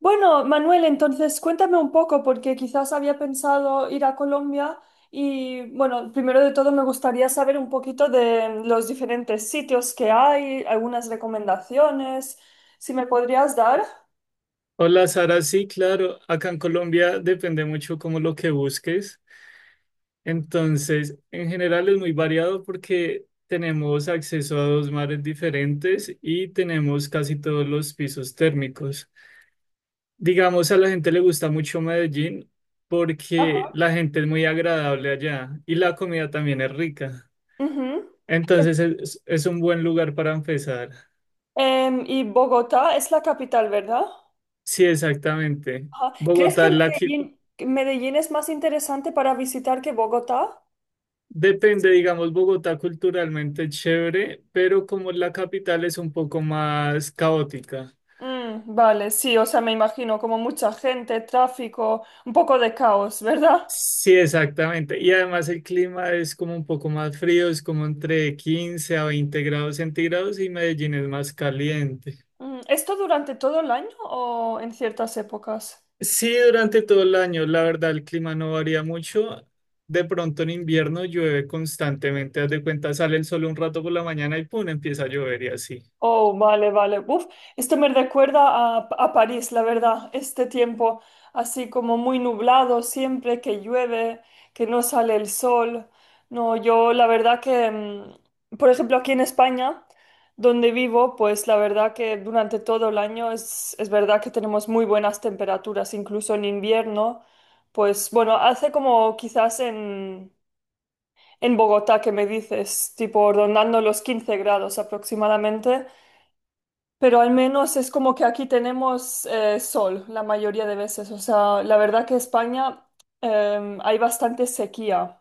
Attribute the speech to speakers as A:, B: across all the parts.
A: Bueno, Manuel, entonces cuéntame un poco, porque quizás había pensado ir a Colombia y, bueno, primero de todo me gustaría saber un poquito de los diferentes sitios que hay, algunas recomendaciones, si me podrías dar.
B: Hola Sara, sí, claro, acá en Colombia depende mucho como lo que busques. Entonces, en general es muy variado porque tenemos acceso a dos mares diferentes y tenemos casi todos los pisos térmicos. Digamos, a la gente le gusta mucho Medellín porque
A: Ajá.
B: la gente es muy agradable allá y la comida también es rica.
A: Ujú. Es-
B: Entonces, es un buen lugar para empezar.
A: ¿Y Bogotá es la capital, ¿verdad?
B: Sí, exactamente.
A: Ajá. ¿Crees que
B: Bogotá es la, qui-
A: Medellín es más interesante para visitar que Bogotá?
B: Depende, digamos, Bogotá culturalmente es chévere, pero como la capital es un poco más caótica.
A: Mm, vale, sí, o sea, me imagino como mucha gente, tráfico, un poco de caos, ¿verdad?
B: Sí, exactamente. Y además el clima es como un poco más frío, es como entre 15 a 20 grados centígrados y Medellín es más caliente.
A: ¿Esto durante todo el año o en ciertas épocas?
B: Sí, durante todo el año, la verdad, el clima no varía mucho. De pronto en invierno llueve constantemente, haz de cuenta, sale el sol un rato por la mañana y pum, empieza a llover y así.
A: Oh, vale, vale. Uf, esto me recuerda a París, la verdad, este tiempo así como muy nublado siempre, que llueve, que no sale el sol. No, yo la verdad que, por ejemplo, aquí en España, donde vivo, pues la verdad que durante todo el año es verdad que tenemos muy buenas temperaturas, incluso en invierno. Pues bueno, hace como quizás en Bogotá que me dices, tipo rondando los 15 grados aproximadamente, pero al menos es como que aquí tenemos sol la mayoría de veces. O sea, la verdad que España hay bastante sequía.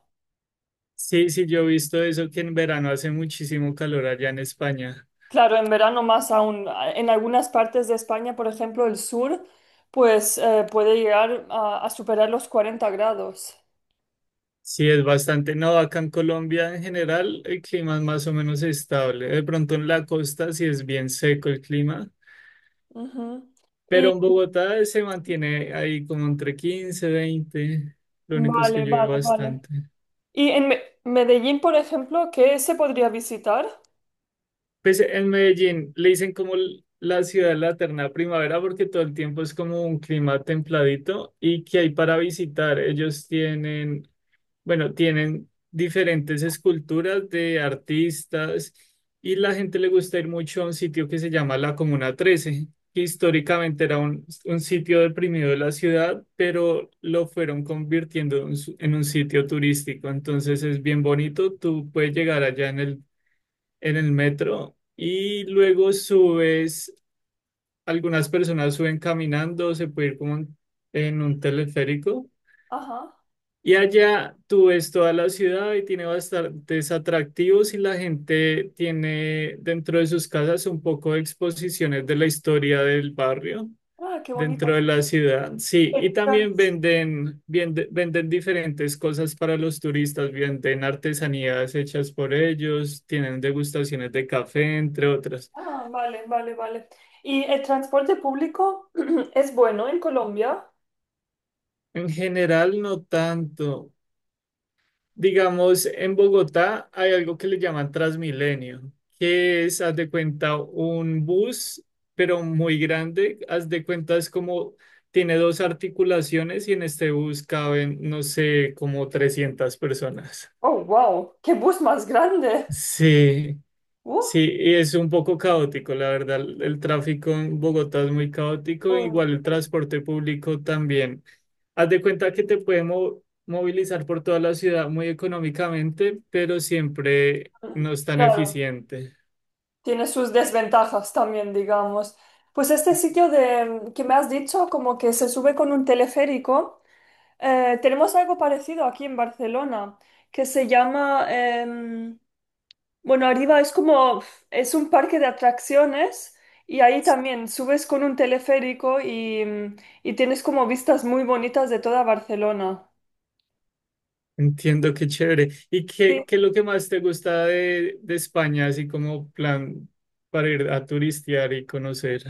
B: Sí, sí, yo he visto eso que en verano hace muchísimo calor allá en España.
A: Claro, en verano más aún. En algunas partes de España, por ejemplo, el sur, pues puede llegar a superar los 40 grados.
B: Sí, es bastante. No, acá en Colombia en general el clima es más o menos estable. De pronto en la costa sí es bien seco el clima,
A: Ujú.
B: pero
A: Y
B: en Bogotá se mantiene ahí como entre 15, 20. Lo único es que
A: vale,
B: llueve
A: vale, vale.
B: bastante.
A: Y en Medellín, por ejemplo, ¿qué se podría visitar?
B: Pues en Medellín le dicen como la ciudad de la eterna primavera porque todo el tiempo es como un clima templadito y que hay para visitar. Ellos tienen. Bueno, tienen diferentes esculturas de artistas y la gente le gusta ir mucho a un sitio que se llama la Comuna 13, que históricamente era un sitio deprimido de la ciudad, pero lo fueron convirtiendo en en un sitio turístico. Entonces es bien bonito, tú puedes llegar allá en el metro y luego subes, algunas personas suben caminando, se puede ir como en un teleférico
A: Ajá.
B: y allá tú ves toda la ciudad y tiene bastantes atractivos y la gente tiene dentro de sus casas un poco de exposiciones de la historia del barrio
A: Ah, qué
B: dentro
A: bonito.
B: de la ciudad. Sí,
A: El
B: y también
A: trans-
B: venden diferentes cosas para los turistas, venden artesanías hechas por ellos, tienen degustaciones de café, entre otras.
A: Ah, vale, vale, vale. ¿Y el transporte público es bueno en Colombia?
B: En general, no tanto. Digamos, en Bogotá hay algo que le llaman Transmilenio, que es, haz de cuenta, un bus, pero muy grande. Haz de cuenta, es como, tiene dos articulaciones y en este bus caben, no sé, como 300 personas.
A: Oh, wow, qué bus más grande.
B: Sí.
A: Uh,
B: Sí, y es un poco caótico, la verdad. El tráfico en Bogotá es muy caótico,
A: um,
B: igual el transporte público también. Haz de cuenta que te puede movilizar por toda la ciudad muy económicamente, pero siempre no es tan
A: claro,
B: eficiente.
A: tiene sus desventajas también, digamos. Pues este sitio de, que me has dicho, como que se sube con un teleférico, tenemos algo parecido aquí en Barcelona, que se llama, bueno, arriba es como, es un parque de atracciones y ahí también subes con un teleférico y y tienes como vistas muy bonitas de toda Barcelona.
B: Entiendo, qué chévere. ¿Y qué,
A: Sí.
B: qué es lo que más te gusta de España, así como plan para ir a turistear y conocer?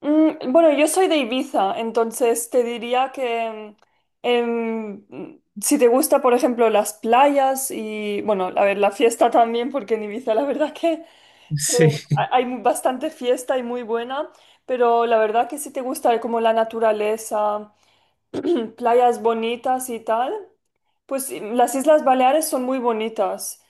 A: Bueno, yo soy de Ibiza, entonces te diría que si te gusta, por ejemplo, las playas y, bueno, a ver, la fiesta también, porque en Ibiza la verdad que se-
B: Sí.
A: hay bastante fiesta y muy buena, pero la verdad que si te gusta como la naturaleza. Playas bonitas y tal. Pues las Islas Baleares son muy bonitas.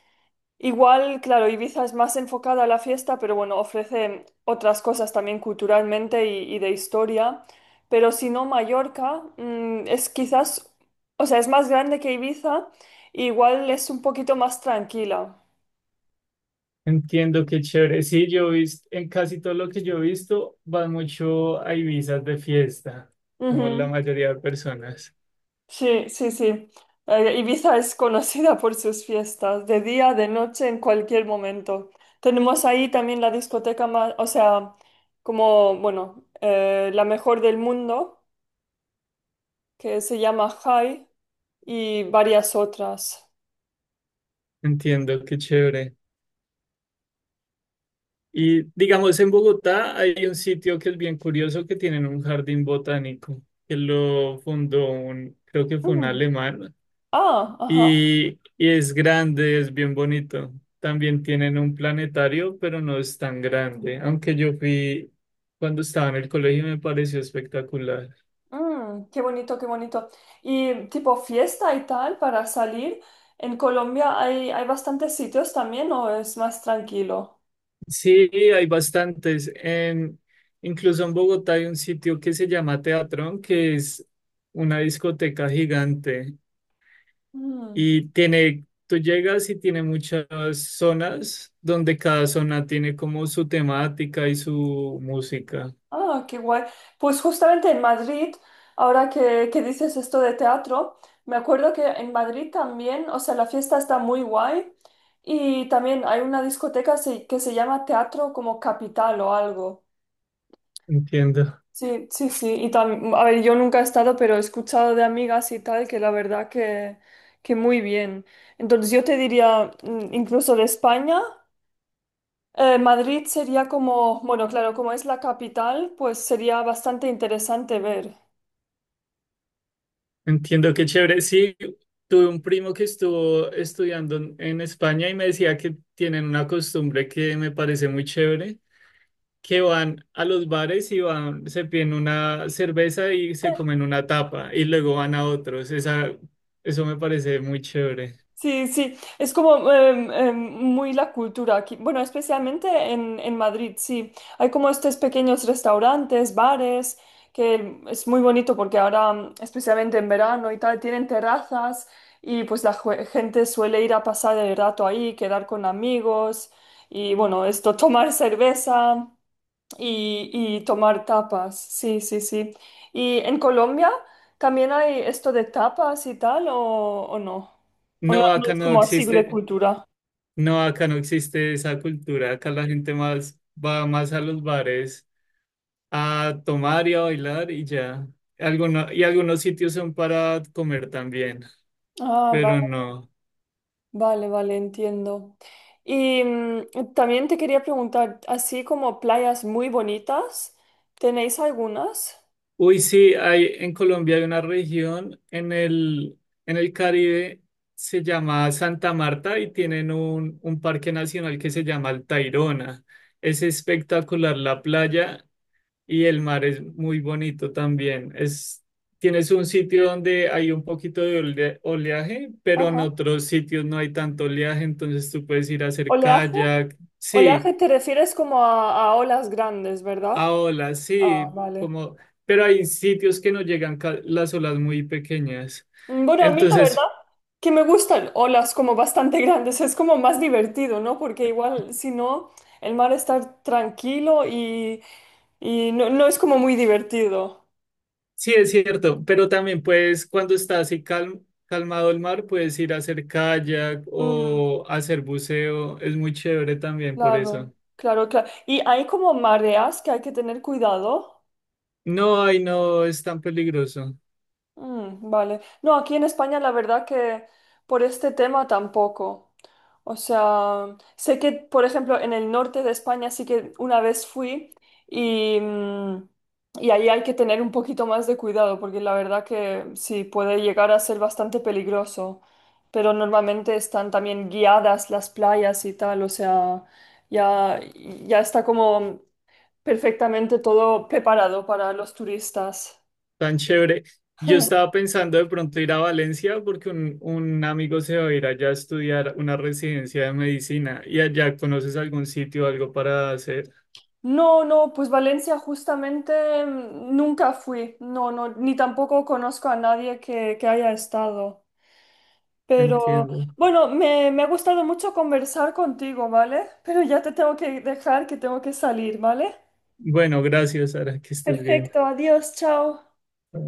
A: Igual, claro, Ibiza es más enfocada a la fiesta, pero bueno, ofrece otras cosas también culturalmente y de historia. Pero si no, Mallorca, es quizás, o sea, es más grande que Ibiza, e igual es un poquito más tranquila.
B: Entiendo qué chévere. Sí, yo he visto, en casi todo lo que yo he visto, van mucho a Ibizas de fiesta, como la
A: Ujú.
B: mayoría de personas.
A: Sí, sí, sí. Ibiza es conocida por sus fiestas, de día, de noche, en cualquier momento. Tenemos ahí también la discoteca más, o sea, como, bueno, la mejor del mundo, que se llama High, y varias otras.
B: Entiendo qué chévere. Y digamos, en Bogotá hay un sitio que es bien curioso que tienen un jardín botánico, que lo fundó un, creo que fue un
A: Mm.
B: alemán,
A: Ah, ajá.
B: y, y es grande, es bien bonito. También tienen un planetario, pero no es tan grande, aunque yo fui cuando estaba en el colegio y me pareció espectacular.
A: Mm, qué bonito, qué bonito. Y tipo fiesta y tal para salir. En Colombia hay bastantes sitios también, ¿o es más tranquilo?
B: Sí, hay bastantes. Incluso en Bogotá hay un sitio que se llama Teatrón, que es una discoteca gigante y tiene, tú llegas y tiene muchas zonas donde cada zona tiene como su temática y su música.
A: Ah, qué guay. Pues justamente en Madrid, ahora que dices esto de teatro, me acuerdo que en Madrid también, o sea, la fiesta está muy guay y también hay una discoteca que se llama Teatro como Capital o algo.
B: Entiendo,
A: Sí, sí, sí. Y a ver, yo nunca he estado, pero he escuchado de amigas y tal que la verdad que muy bien. Entonces yo te diría, incluso de España. Madrid sería como, bueno, claro, como es la capital, pues sería bastante interesante ver.
B: entiendo qué chévere. Sí, tuve un primo que estuvo estudiando en España y me decía que tienen una costumbre que me parece muy chévere que van a los bares y van, se piden una cerveza y se comen una tapa y luego van a otros. Esa, eso me parece muy chévere.
A: Sí, sí, es como muy la cultura aquí. Bueno, especialmente en Madrid, sí. Hay como estos pequeños restaurantes, bares, que es muy bonito porque ahora, especialmente en verano y tal, tienen terrazas y pues la gente suele ir a pasar el rato ahí, quedar con amigos y bueno, esto, tomar cerveza. Y, y tomar tapas, sí, sí, sí. ¿Y en Colombia también hay esto de tapas y tal o no? ¿O no,
B: No,
A: no
B: acá
A: es
B: no
A: como así de
B: existe,
A: cultura?
B: no, acá no existe esa cultura. Acá la gente más va más a los bares a tomar y a bailar y ya. Alguno- y algunos sitios son para comer también,
A: Ah,
B: pero
A: va-
B: no.
A: vale, vale, entiendo. Y también te quería preguntar, así como playas muy bonitas, ¿tenéis algunas?
B: Uy, sí, hay en Colombia hay una región en el Caribe, se llama Santa Marta y tienen un parque nacional que se llama el Tayrona. Es espectacular la playa y el mar es muy bonito también. Es, tienes un sitio donde hay un poquito de oleaje, pero en
A: Ajá.
B: otros sitios no hay tanto oleaje, entonces tú puedes ir a hacer
A: ¿Oleaje?
B: kayak. Sí,
A: Oleaje te refieres como a olas grandes, ¿verdad?
B: ahora
A: Ah,
B: sí,
A: vale.
B: como, pero hay sitios que no llegan las olas muy pequeñas.
A: Bueno, a mí la verdad
B: Entonces,
A: que me gustan olas como bastante grandes, es como más divertido, ¿no? Porque igual si no, el mar está tranquilo y no, no es como muy divertido.
B: sí es cierto, pero también puedes, cuando está así calmado el mar, puedes ir a hacer kayak
A: Mm,
B: o hacer buceo. Es muy chévere también por eso.
A: claro, claro, claro. Y hay como mareas que hay que tener cuidado.
B: No, ay, no es tan peligroso,
A: Mm, vale. No, aquí en España la verdad que por este tema tampoco. O sea, sé que, por ejemplo, en el norte de España sí que una vez fui y y ahí hay que tener un poquito más de cuidado porque la verdad que sí puede llegar a ser bastante peligroso. Pero normalmente están también guiadas las playas y tal. O sea, ya, ya está como perfectamente todo preparado para los turistas.
B: tan chévere. Yo estaba pensando de pronto ir a Valencia porque un amigo se va a ir allá a estudiar una residencia de medicina y allá conoces algún sitio, algo para hacer.
A: No, no, pues Valencia justamente nunca fui, no, no, ni tampoco conozco a nadie que haya estado. Pero
B: Entiendo.
A: bueno, me ha gustado mucho conversar contigo, ¿vale? Pero ya te tengo que dejar, que tengo que salir, ¿vale?
B: Bueno, gracias, Sara, que estés bien.
A: Perfecto, adiós, chao.